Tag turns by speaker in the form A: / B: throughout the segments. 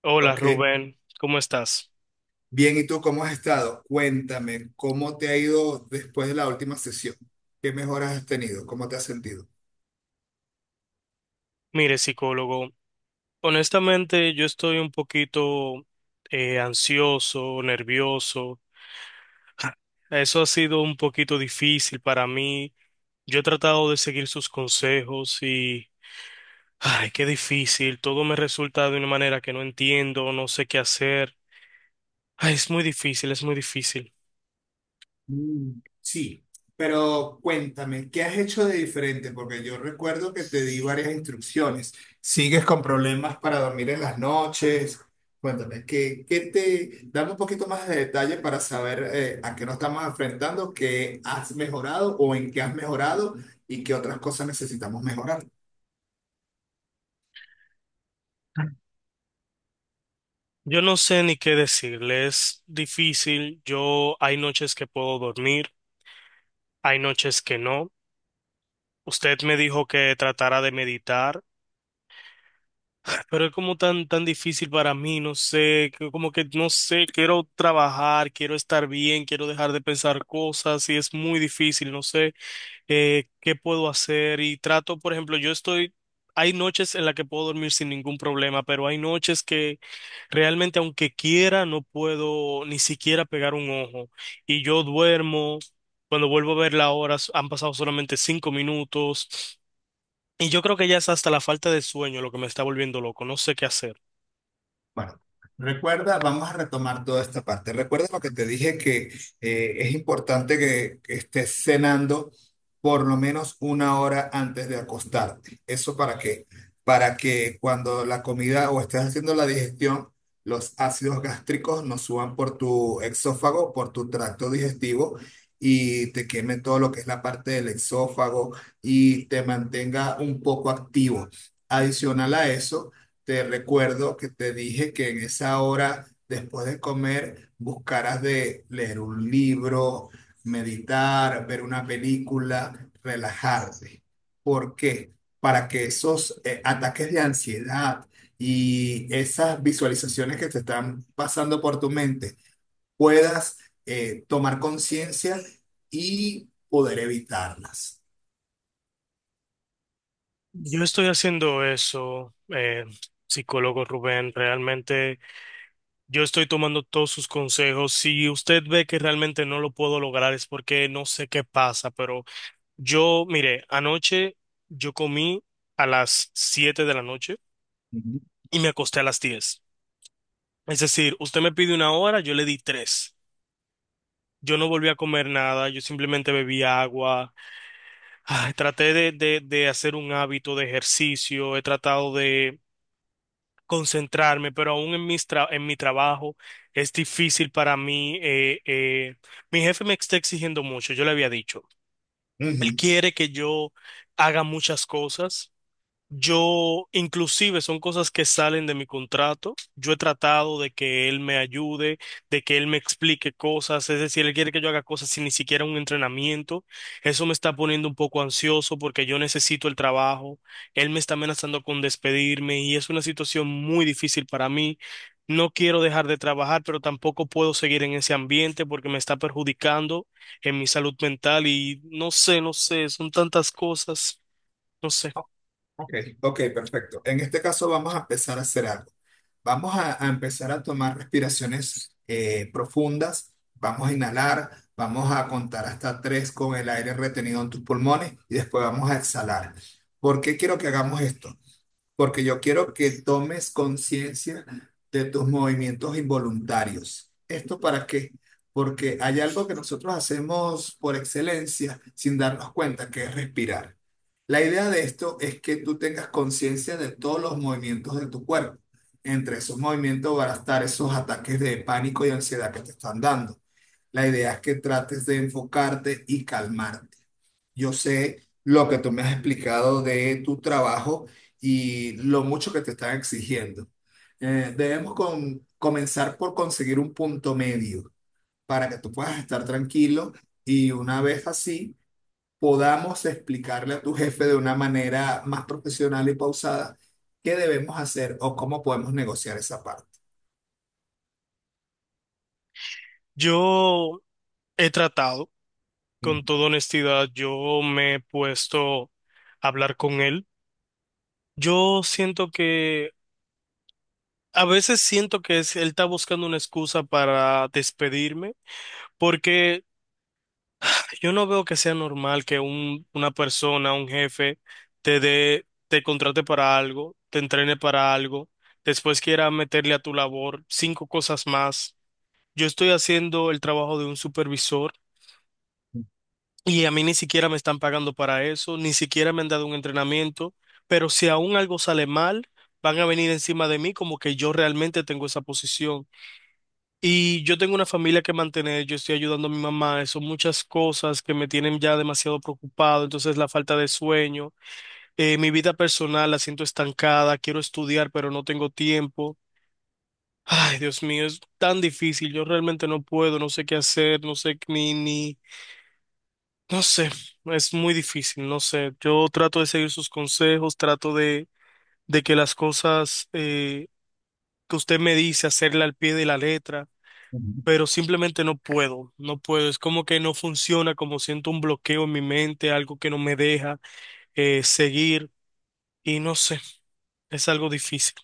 A: Hola
B: Ok,
A: Rubén, ¿cómo estás?
B: bien, ¿y tú cómo has estado? Cuéntame, ¿cómo te ha ido después de la última sesión? ¿Qué mejoras has tenido? ¿Cómo te has sentido?
A: Mire, psicólogo, honestamente yo estoy un poquito ansioso, nervioso. Eso ha sido un poquito difícil para mí. Yo he tratado de seguir sus consejos y, ay, qué difícil. Todo me resulta de una manera que no entiendo, no sé qué hacer. Ay, es muy difícil, es muy difícil.
B: Mm, sí, pero cuéntame, ¿qué has hecho de diferente? Porque yo recuerdo que te di varias instrucciones. ¿Sigues con problemas para dormir en las noches? Cuéntame, ¿qué te... Dame un poquito más de detalle para saber a qué nos estamos enfrentando, qué has mejorado o en qué has mejorado y qué otras cosas necesitamos mejorar.
A: Yo no sé ni qué decirle, es difícil. Yo hay noches que puedo dormir, hay noches que no. Usted me dijo que tratara de meditar, pero es como tan, tan difícil para mí, no sé, que como que no sé, quiero trabajar, quiero estar bien, quiero dejar de pensar cosas y es muy difícil, no sé qué puedo hacer y trato, por ejemplo, yo estoy, hay noches en las que puedo dormir sin ningún problema, pero hay noches que realmente aunque quiera no puedo ni siquiera pegar un ojo y yo duermo, cuando vuelvo a ver la hora han pasado solamente 5 minutos. Y yo creo que ya es hasta la falta de sueño lo que me está volviendo loco, no sé qué hacer.
B: Bueno, recuerda, vamos a retomar toda esta parte. Recuerda lo que te dije que es importante que, estés cenando por lo menos una hora antes de acostarte. ¿Eso para qué? Para que cuando la comida o estés haciendo la digestión, los ácidos gástricos no suban por tu exófago, por tu tracto digestivo y te queme todo lo que es la parte del exófago y te mantenga un poco activo. Adicional a eso. Te recuerdo que te dije que en esa hora, después de comer, buscarás de leer un libro, meditar, ver una película, relajarte. ¿Por qué? Para que esos ataques de ansiedad y esas visualizaciones que te están pasando por tu mente puedas tomar conciencia y poder evitarlas.
A: Yo estoy haciendo eso, psicólogo Rubén, realmente yo estoy tomando todos sus consejos. Si usted ve que realmente no lo puedo lograr es porque no sé qué pasa, pero yo, mire, anoche yo comí a las 7 de la noche
B: Ujú.
A: y me acosté a las 10. Es decir, usted me pide una hora, yo le di tres. Yo no volví a comer nada, yo simplemente bebí agua. Ay, traté de hacer un hábito de ejercicio, he tratado de concentrarme, pero aún en en mi trabajo es difícil para mí. Mi jefe me está exigiendo mucho, yo le había dicho. Él
B: Ujú.
A: quiere que yo haga muchas cosas. Yo, inclusive, son cosas que salen de mi contrato. Yo he tratado de que él me ayude, de que él me explique cosas. Es decir, él quiere que yo haga cosas sin ni siquiera un entrenamiento. Eso me está poniendo un poco ansioso porque yo necesito el trabajo. Él me está amenazando con despedirme y es una situación muy difícil para mí. No quiero dejar de trabajar, pero tampoco puedo seguir en ese ambiente porque me está perjudicando en mi salud mental y no sé, no sé, son tantas cosas, no sé.
B: Ok, ok, perfecto. En este caso vamos a empezar a hacer algo. Vamos a empezar a tomar respiraciones profundas. Vamos a inhalar, vamos a contar hasta tres con el aire retenido en tus pulmones y después vamos a exhalar. ¿Por qué quiero que hagamos esto? Porque yo quiero que tomes conciencia de tus movimientos involuntarios. ¿Esto para qué? Porque hay algo que nosotros hacemos por excelencia sin darnos cuenta, que es respirar. La idea de esto es que tú tengas conciencia de todos los movimientos de tu cuerpo. Entre esos movimientos van a estar esos ataques de pánico y ansiedad que te están dando. La idea es que trates de enfocarte y calmarte. Yo sé lo que tú me has explicado de tu trabajo y lo mucho que te están exigiendo. Debemos comenzar por conseguir un punto medio para que tú puedas estar tranquilo y una vez así podamos explicarle a tu jefe de una manera más profesional y pausada qué debemos hacer o cómo podemos negociar esa parte.
A: Yo he tratado, con toda honestidad, yo me he puesto a hablar con él. Yo siento que, a veces siento que él está buscando una excusa para despedirme, porque yo no veo que sea normal que una persona, un jefe, te dé, te contrate para algo, te entrene para algo, después quiera meterle a tu labor cinco cosas más. Yo estoy haciendo el trabajo de un supervisor. Y a mí ni siquiera me están pagando para eso, ni siquiera me han dado un entrenamiento, pero si aún algo sale mal, van a venir encima de mí como que yo realmente tengo esa posición. Y yo tengo una familia que mantener, yo estoy ayudando a mi mamá, son muchas cosas que me tienen ya demasiado preocupado, entonces la falta de sueño, mi vida personal la siento estancada, quiero estudiar, pero no tengo tiempo. Ay, Dios mío, es tan difícil, yo realmente no puedo, no sé qué hacer, no sé ni, ni. No sé, es muy difícil, no sé. Yo trato de seguir sus consejos, trato de que las cosas que usted me dice, hacerle al pie de la letra,
B: Ujú.
A: pero simplemente no puedo, no puedo. Es como que no funciona, como siento un bloqueo en mi mente, algo que no me deja seguir y no sé, es algo difícil.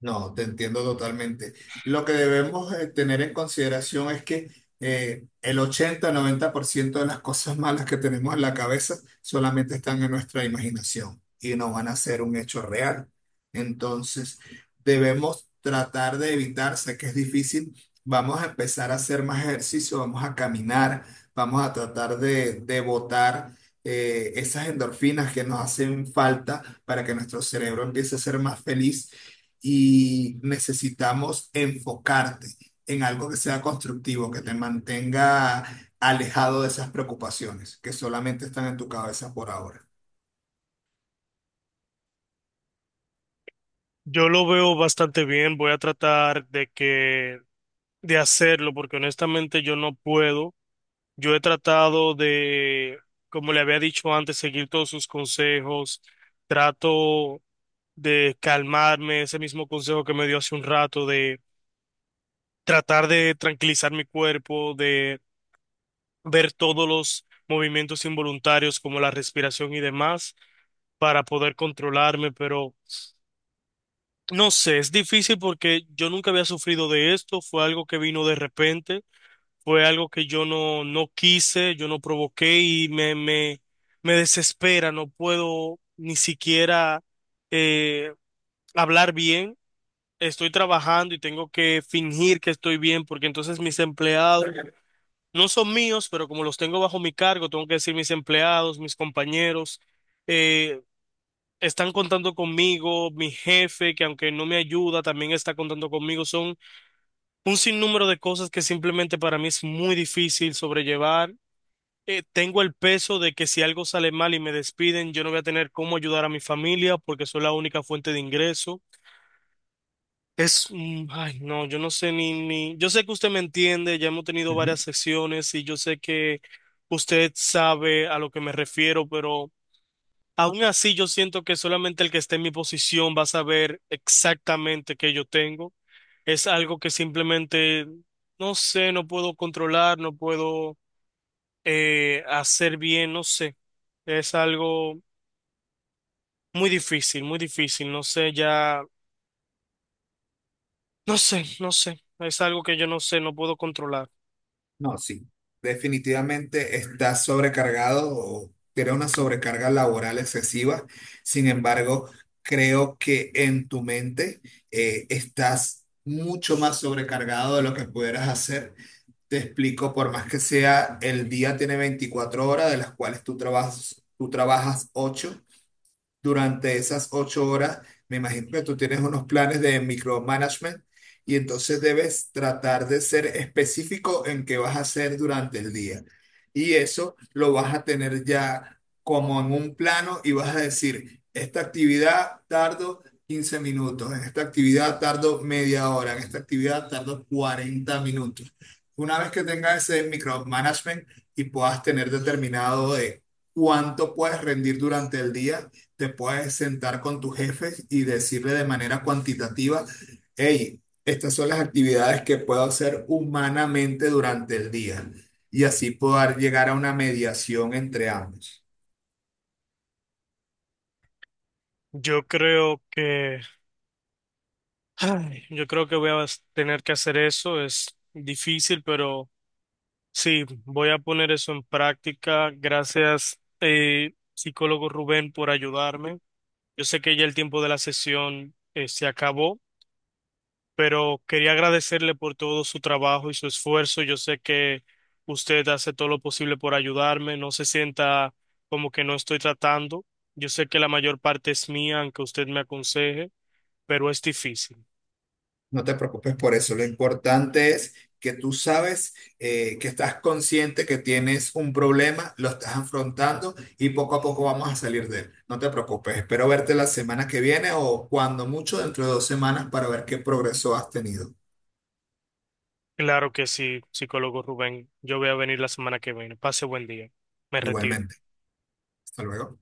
B: No, te entiendo totalmente. Lo que debemos tener en consideración es que el 80-90% de las cosas malas que tenemos en la cabeza solamente están en nuestra imaginación y no van a ser un hecho real. Entonces, debemos tratar de evitar, sé que es difícil, vamos a empezar a hacer más ejercicio, vamos a caminar, vamos a tratar de botar esas endorfinas que nos hacen falta para que nuestro cerebro empiece a ser más feliz y necesitamos enfocarte en algo que sea constructivo, que te mantenga alejado de esas preocupaciones que solamente están en tu cabeza por ahora.
A: Yo lo veo bastante bien, voy a tratar de que de hacerlo porque honestamente yo no puedo. Yo he tratado de, como le había dicho antes, seguir todos sus consejos. Trato de calmarme, ese mismo consejo que me dio hace un rato, de tratar de tranquilizar mi cuerpo, de ver todos los movimientos involuntarios como la respiración y demás para poder controlarme, pero no sé, es difícil porque yo nunca había sufrido de esto, fue algo que vino de repente, fue algo que yo no quise, yo no provoqué y me desespera, no puedo ni siquiera eh, hablar bien. Estoy trabajando y tengo que fingir que estoy bien porque entonces mis empleados no son míos, pero como los tengo bajo mi cargo, tengo que decir mis empleados, mis compañeros. eh, Están contando conmigo, mi jefe, que aunque no me ayuda, también está contando conmigo. Son un sinnúmero de cosas que simplemente para mí es muy difícil sobrellevar. Tengo el peso de que si algo sale mal y me despiden, yo no voy a tener cómo ayudar a mi familia porque soy la única fuente de ingreso. Es, ay, no, yo no sé ni, yo sé que usted me entiende, ya hemos tenido
B: Ujú.
A: varias sesiones y yo sé que usted sabe a lo que me refiero, pero... Aún así, yo siento que solamente el que esté en mi posición va a saber exactamente qué yo tengo. Es algo que simplemente, no sé, no puedo controlar, no puedo hacer bien, no sé. Es algo muy difícil, no sé, ya, no sé, no sé. Es algo que yo no sé, no puedo controlar.
B: No, sí. Definitivamente estás sobrecargado o tienes una sobrecarga laboral excesiva. Sin embargo, creo que en tu mente estás mucho más sobrecargado de lo que pudieras hacer. Te explico, por más que sea, el día tiene 24 horas, de las cuales tú trabajas 8 durante esas 8 horas, me imagino que tú tienes unos planes de micromanagement y entonces debes tratar de ser específico en qué vas a hacer durante el día. Y eso lo vas a tener ya como en un plano y vas a decir, esta actividad tardo 15 minutos, en esta actividad tardo media hora, en esta actividad tardo 40 minutos. Una vez que tengas ese micromanagement y puedas tener determinado de cuánto puedes rendir durante el día, te puedes sentar con tus jefes y decirle de manera cuantitativa, hey, estas son las actividades que puedo hacer humanamente durante el día y así poder llegar a una mediación entre ambos.
A: Yo creo que, ay, yo creo que voy a tener que hacer eso. Es difícil, pero... Sí, voy a poner eso en práctica. Gracias, psicólogo Rubén, por ayudarme. Yo sé que ya el tiempo de la sesión se acabó, pero quería agradecerle por todo su trabajo y su esfuerzo. Yo sé que usted hace todo lo posible por ayudarme. No se sienta como que no estoy tratando. Yo sé que la mayor parte es mía, aunque usted me aconseje, pero es difícil.
B: No te preocupes por eso, lo importante es que tú sabes que estás consciente que tienes un problema, lo estás afrontando y poco a poco vamos a salir de él. No te preocupes, espero verte la semana que viene o cuando mucho dentro de 2 semanas para ver qué progreso has tenido.
A: Claro que sí, psicólogo Rubén. Yo voy a venir la semana que viene. Pase buen día. Me retiro.
B: Igualmente. Hasta luego.